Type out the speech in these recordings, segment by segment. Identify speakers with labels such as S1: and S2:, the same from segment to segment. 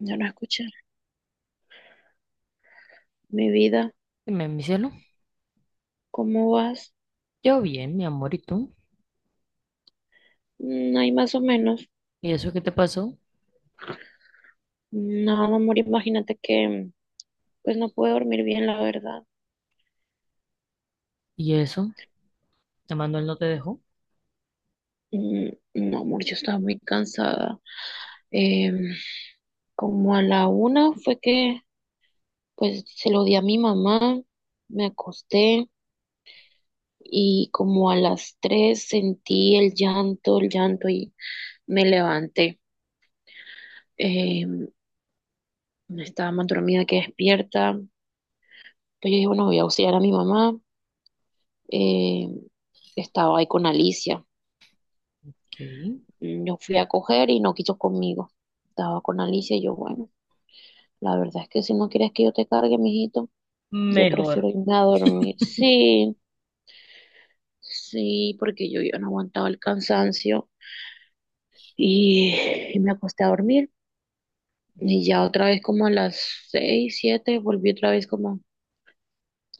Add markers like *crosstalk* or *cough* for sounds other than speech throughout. S1: Ya no escuché. Mi vida,
S2: Dime, mi cielo.
S1: ¿cómo vas?
S2: Yo bien, mi amor, ¿y tú?
S1: Ahí más o menos.
S2: ¿Y eso qué te pasó?
S1: No, no, amor, imagínate que pues no pude dormir bien, la verdad.
S2: ¿Y eso? ¿Te mandó él no te dejó?
S1: Mm, No, amor, yo estaba muy cansada. Eh, Como a la una fue que pues se lo di a mi mamá, me acosté y como a las tres sentí el llanto y me levanté. Eh, Estaba más dormida que despierta. Pues yo dije, bueno, voy a auxiliar a mi mamá. eh, Estaba ahí con Alicia.
S2: ¿Qué?
S1: Yo fui a coger y no quiso conmigo. Estaba con Alicia y yo, bueno, la verdad es que si no quieres que yo te cargue, mijito, yo
S2: Mejor.
S1: prefiero irme a dormir. Sí, sí, porque yo ya no aguantaba el cansancio y, y me acosté a dormir. Y ya otra vez como a las seis, siete, volví otra vez como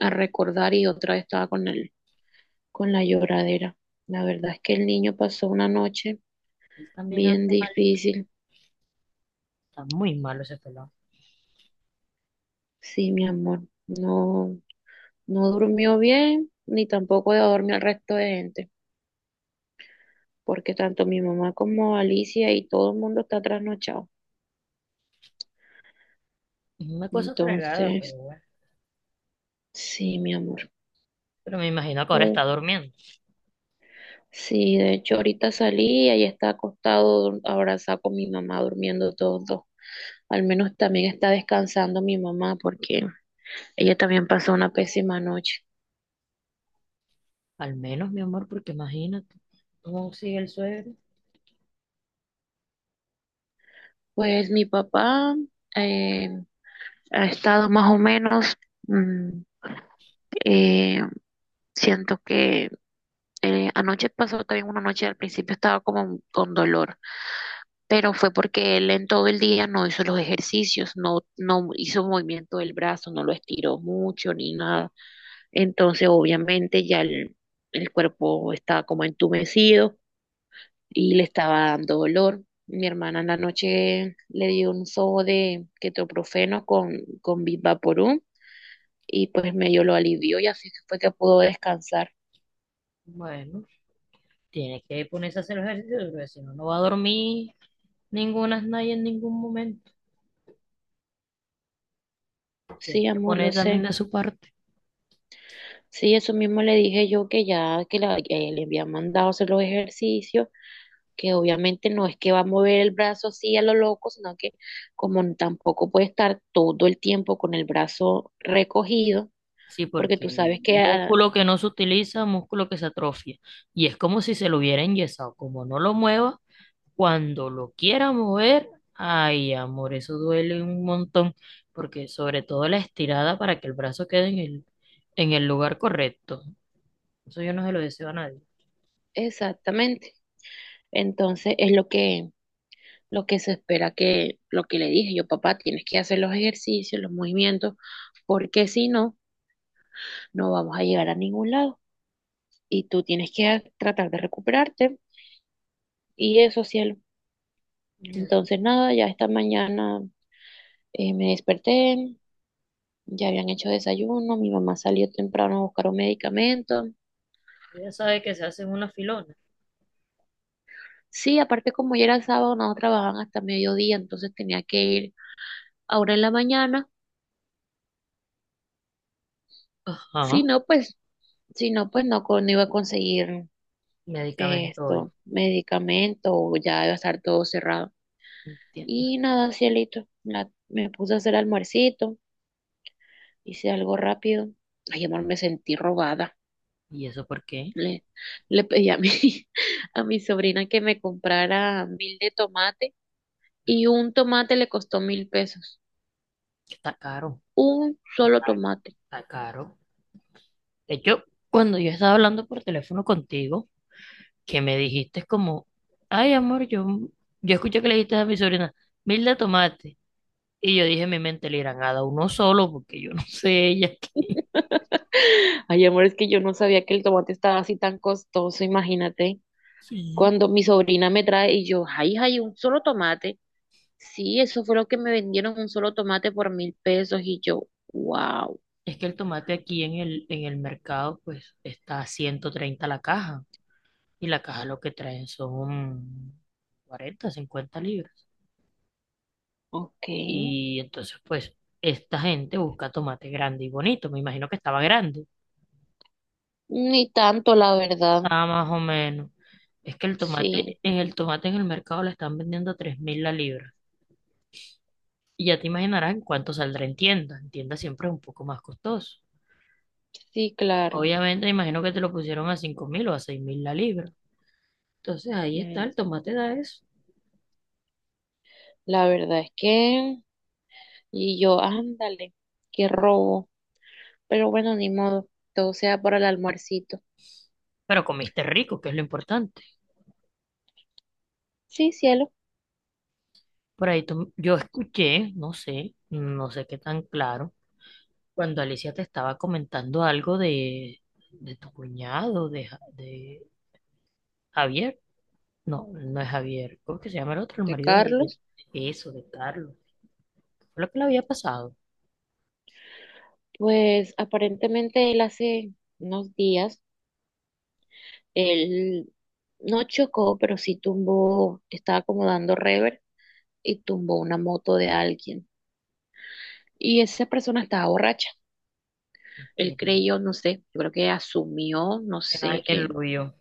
S1: a recordar y otra vez estaba con él, con la lloradera. La verdad es que el niño pasó una noche
S2: Él también
S1: bien
S2: anda mal.
S1: difícil.
S2: Está muy malo ese pelado.
S1: Sí, mi amor, no, no durmió bien, ni tampoco de dormir al resto de gente, porque tanto mi mamá como Alicia y todo el mundo está trasnochado.
S2: Es una cosa fregada,
S1: Entonces,
S2: pero bueno.
S1: sí, mi amor,
S2: Pero me imagino que ahora está
S1: todo.
S2: durmiendo.
S1: Sí, de hecho, ahorita salí y ahí está acostado, abrazado con mi mamá, durmiendo todos dos. Al menos también está descansando mi mamá, porque ella también pasó una pésima noche.
S2: Al menos, mi amor, porque imagínate cómo sigue el suegro.
S1: Pues mi papá eh, ha estado más o menos. mm, Eh, Siento que anoche pasó también una noche, al principio estaba como con dolor, pero fue porque él en todo el día no hizo los ejercicios, no, no hizo movimiento del brazo, no lo estiró mucho ni nada. Entonces, obviamente ya el cuerpo estaba como entumecido y le estaba dando dolor. Mi hermana en la noche le dio un sobo de ketoprofeno con Vivaporub y pues medio lo alivió y así fue que pudo descansar.
S2: Bueno, tiene que ponerse a hacer ejercicio, porque si no, no va a dormir ninguna nadie en ningún momento.
S1: Sí,
S2: Tiene que
S1: amor, lo
S2: poner también
S1: sé.
S2: de su parte.
S1: Sí, eso mismo le dije yo que ya que le había mandado hacer los ejercicios, que obviamente no es que va a mover el brazo así a lo loco, sino que como tampoco puede estar todo el tiempo con el brazo recogido,
S2: Sí,
S1: porque tú
S2: porque
S1: sabes que
S2: músculo que no se utiliza, músculo que se atrofia. Y es como si se lo hubiera enyesado. Como no lo mueva, cuando lo quiera mover, ay, amor, eso duele un montón. Porque sobre todo la estirada para que el brazo quede en el lugar correcto. Eso yo no se lo deseo a nadie.
S1: exactamente. Entonces es lo que se espera que lo que le dije yo, papá, tienes que hacer los ejercicios, los movimientos, porque si no, no vamos a llegar a ningún lado y tú tienes que tratar de recuperarte. Y eso, cielo. Entonces, nada, ya esta mañana me desperté, ya habían hecho desayuno, mi mamá salió temprano a buscar un medicamento.
S2: Ella sabe que se hacen una filona.
S1: Sí, aparte como ya era sábado, no trabajaban hasta mediodía, entonces tenía que ir ahora en la mañana. Si
S2: Ajá,
S1: no, pues, si no, pues no, no iba a conseguir
S2: medicamento hoy.
S1: medicamento, o ya iba a estar todo cerrado.
S2: Entiendo.
S1: Y nada, cielito, me puse a hacer almuercito, hice algo rápido. Ay, amor, me sentí robada.
S2: ¿Y eso por qué?
S1: Le, le pedí a mi, *laughs* a mi sobrina que me comprara 1.000 de tomate y un tomate le costó 1.000 pesos.
S2: Está caro,
S1: Un solo tomate.
S2: está caro. De hecho, cuando yo estaba hablando por teléfono contigo, que me dijiste es como, ay amor, yo escuché que le dijiste a mi sobrina, Milda tomate. Y yo dije en mi mente, le irán a dar uno solo porque yo no sé ella. *laughs*
S1: *laughs* Ay, amor, es que yo no sabía que el tomate estaba así tan costoso, imagínate.
S2: Sí.
S1: Cuando mi sobrina me trae y yo, ay, ay, un solo tomate. Sí, eso fue lo que me vendieron, un solo tomate por 1.000 pesos. Y yo, wow,
S2: Es que el tomate aquí en el mercado pues está a 130 la caja y la caja lo que traen son 40 50 libras.
S1: ok.
S2: Y entonces pues esta gente busca tomate grande y bonito, me imagino que estaba grande,
S1: Ni tanto, la verdad.
S2: estaba más o menos. Es que el
S1: Sí,
S2: tomate, en el tomate en el mercado le están vendiendo a 3.000 la libra. Y ya te imaginarás en cuánto saldrá en tienda. En tienda siempre es un poco más costoso.
S1: sí, claro.
S2: Obviamente, imagino que te lo pusieron a 5.000 o a 6.000 la libra. Entonces ahí está,
S1: Mm,
S2: el tomate da eso.
S1: La verdad es que y yo, ándale, qué robo. Pero bueno, ni modo, todo sea para el almuercito.
S2: Pero comiste rico, que es lo importante.
S1: Sí, cielo,
S2: Yo escuché, no sé, no sé qué tan claro, cuando Alicia te estaba comentando algo de tu cuñado, de Javier. No, no es Javier. ¿Cómo que se llama el otro? El
S1: de
S2: marido
S1: Carlos.
S2: de eso, de Carlos. Fue lo que le había pasado.
S1: Pues aparentemente él hace unos días, él no chocó, pero sí tumbó, estaba como dando rever y tumbó una moto de alguien. Y esa persona estaba borracha. Él
S2: Mentira.
S1: creyó, no sé, yo creo que asumió, no
S2: Que
S1: sé,
S2: alguien
S1: que
S2: lo vio.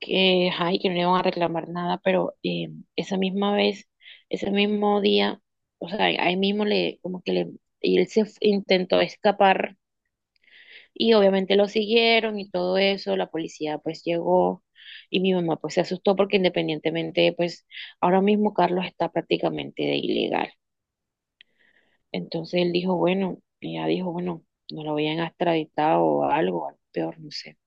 S1: que, ay, que no le van a reclamar nada, pero esa misma vez, ese mismo día, o sea, ahí mismo le, como que le, y él intentó escapar y obviamente lo siguieron y todo eso, la policía pues llegó y mi mamá pues se asustó porque independientemente pues ahora mismo Carlos está prácticamente de ilegal. Entonces él dijo, bueno, ella dijo, bueno, no lo habían extraditado o algo, algo peor, no sé.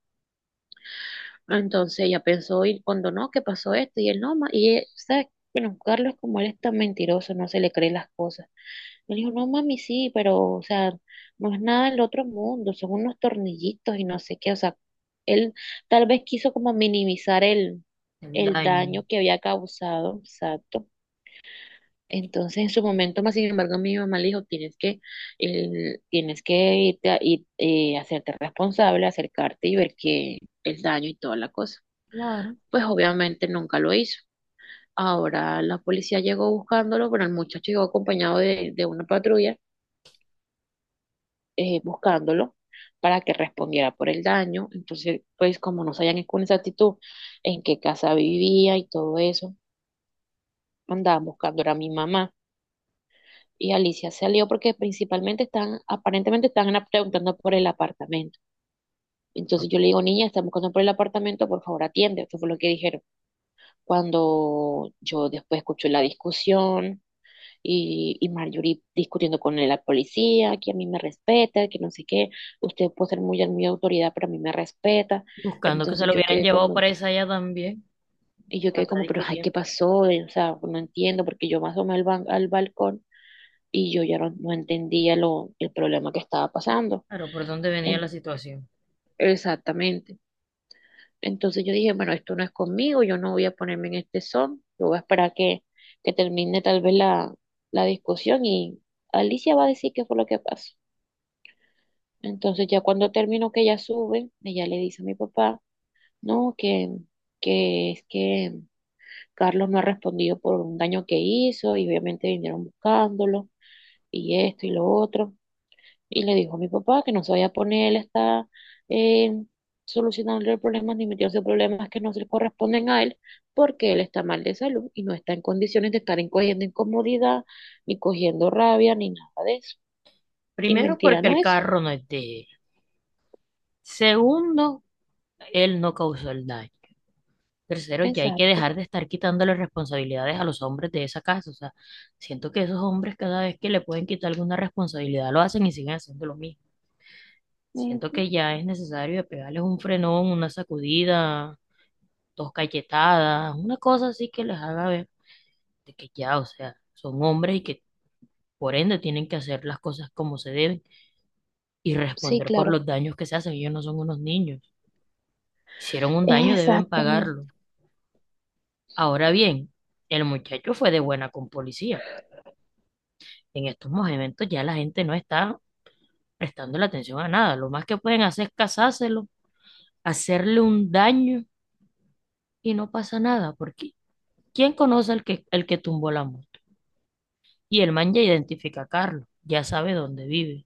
S1: Entonces ella pensó y cuando no, ¿qué pasó esto? Y él no, y él, ¿sabes? Bueno, Carlos como él es tan mentiroso, no se le cree las cosas. Él dijo, no mami, sí, pero, o sea, no es nada del otro mundo, son unos tornillitos y no sé qué, o sea, él tal vez quiso como minimizar el,
S2: El
S1: el
S2: daño.
S1: daño que había causado, exacto. Entonces en su momento, más sin embargo, mi mamá le dijo, tienes que, tienes que irte a, ir, hacerte responsable, acercarte y ver que el daño y toda la cosa
S2: Claro.
S1: pues obviamente nunca lo hizo. Ahora la policía llegó buscándolo, pero el muchacho llegó acompañado de una patrulla buscándolo para que respondiera por el daño. Entonces, pues como no sabían con exactitud en qué casa vivía y todo eso, andaban buscando era a mi mamá. Y Alicia salió porque principalmente están, aparentemente están preguntando por el apartamento. Entonces yo le digo, niña, están buscando por el apartamento, por favor atiende. Eso fue lo que dijeron. Cuando yo después escuché la discusión, y Marjorie discutiendo con la policía, que a mí me respeta, que no sé qué, usted puede ser muy, muy autoridad, pero a mí me respeta.
S2: Buscando que se
S1: Entonces
S2: lo
S1: yo
S2: hubieran
S1: quedé
S2: llevado
S1: como,
S2: para esa allá también.
S1: y yo quedé
S2: Anda
S1: como, pero ay, ¿qué
S2: discutiendo.
S1: pasó? O sea, no entiendo, porque yo me asomé al balcón y yo ya no entendía el problema que estaba pasando.
S2: Pero ¿por dónde venía
S1: En-
S2: la situación?
S1: Exactamente. Entonces yo dije, bueno, esto no es conmigo, yo no voy a ponerme en este son, yo voy a esperar que termine tal vez la discusión y Alicia va a decir qué fue lo que pasó. Entonces ya cuando terminó que ella sube, ella le dice a mi papá, no, que es que Carlos no ha respondido por un daño que hizo y obviamente vinieron buscándolo y esto y lo otro. Y le dijo a mi papá que no se vaya a poner él está eh, solucionando el problema ni metiéndose en problemas que no se le corresponden a él porque él está mal de salud y no está en condiciones de estar cogiendo incomodidad, ni cogiendo rabia, ni nada de eso. Y
S2: Primero,
S1: mentira
S2: porque
S1: no
S2: el
S1: es.
S2: carro no es de él. Segundo, él no causó el daño. Tercero, ya hay que
S1: Exacto.
S2: dejar de estar quitándole responsabilidades a los hombres de esa casa. O sea, siento que esos hombres cada vez que le pueden quitar alguna responsabilidad lo hacen y siguen haciendo lo mismo. Siento
S1: Ujú.
S2: que ya es necesario de pegarles un frenón, una sacudida, dos cachetadas, una cosa así que les haga ver de que ya, o sea, son hombres y que por ende tienen que hacer las cosas como se deben y
S1: Sí,
S2: responder por
S1: claro.
S2: los daños que se hacen. Ellos no son unos niños. Hicieron un daño, deben
S1: Exactamente,
S2: pagarlo. Ahora bien, el muchacho fue de buena con policía. En estos momentos ya la gente no está prestando la atención a nada. Lo más que pueden hacer es casárselo, hacerle un daño y no pasa nada, porque ¿quién conoce el que tumbó la moto? Y el man ya identifica a Carlos, ya sabe dónde vive.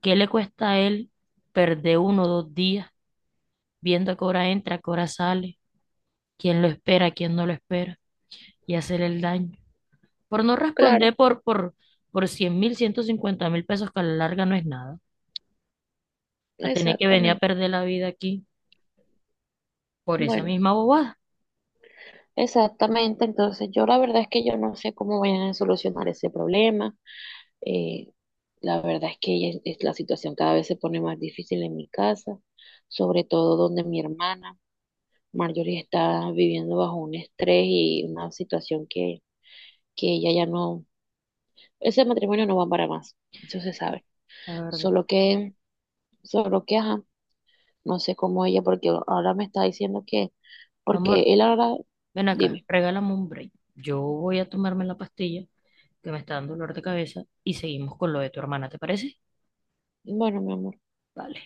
S2: ¿Qué le cuesta a él perder uno o dos días viendo a qué hora entra, a qué hora sale, quién lo espera, quién no lo espera y hacerle el daño? Por no
S1: claro,
S2: responder por 100.000, 150.000 pesos que a la larga no es nada, a tener que venir a
S1: exactamente.
S2: perder la vida aquí por esa
S1: Bueno,
S2: misma bobada,
S1: exactamente. Entonces, yo la verdad es que yo no sé cómo vayan a solucionar ese problema. Eh, la verdad es que ya la situación cada vez se pone más difícil en mi casa, sobre todo donde mi hermana Marjorie está viviendo bajo un estrés y una situación que ella ya no, ese matrimonio no va para más, eso se sabe.
S2: la verdad.
S1: Solo que, solo que, ajá, no sé cómo ella, porque ahora me está diciendo que,
S2: Amor,
S1: porque él ahora,
S2: ven acá,
S1: dime,
S2: regálame un break. Yo voy a tomarme la pastilla que me está dando dolor de cabeza y seguimos con lo de tu hermana, ¿te parece?
S1: bueno, mi amor.
S2: Vale.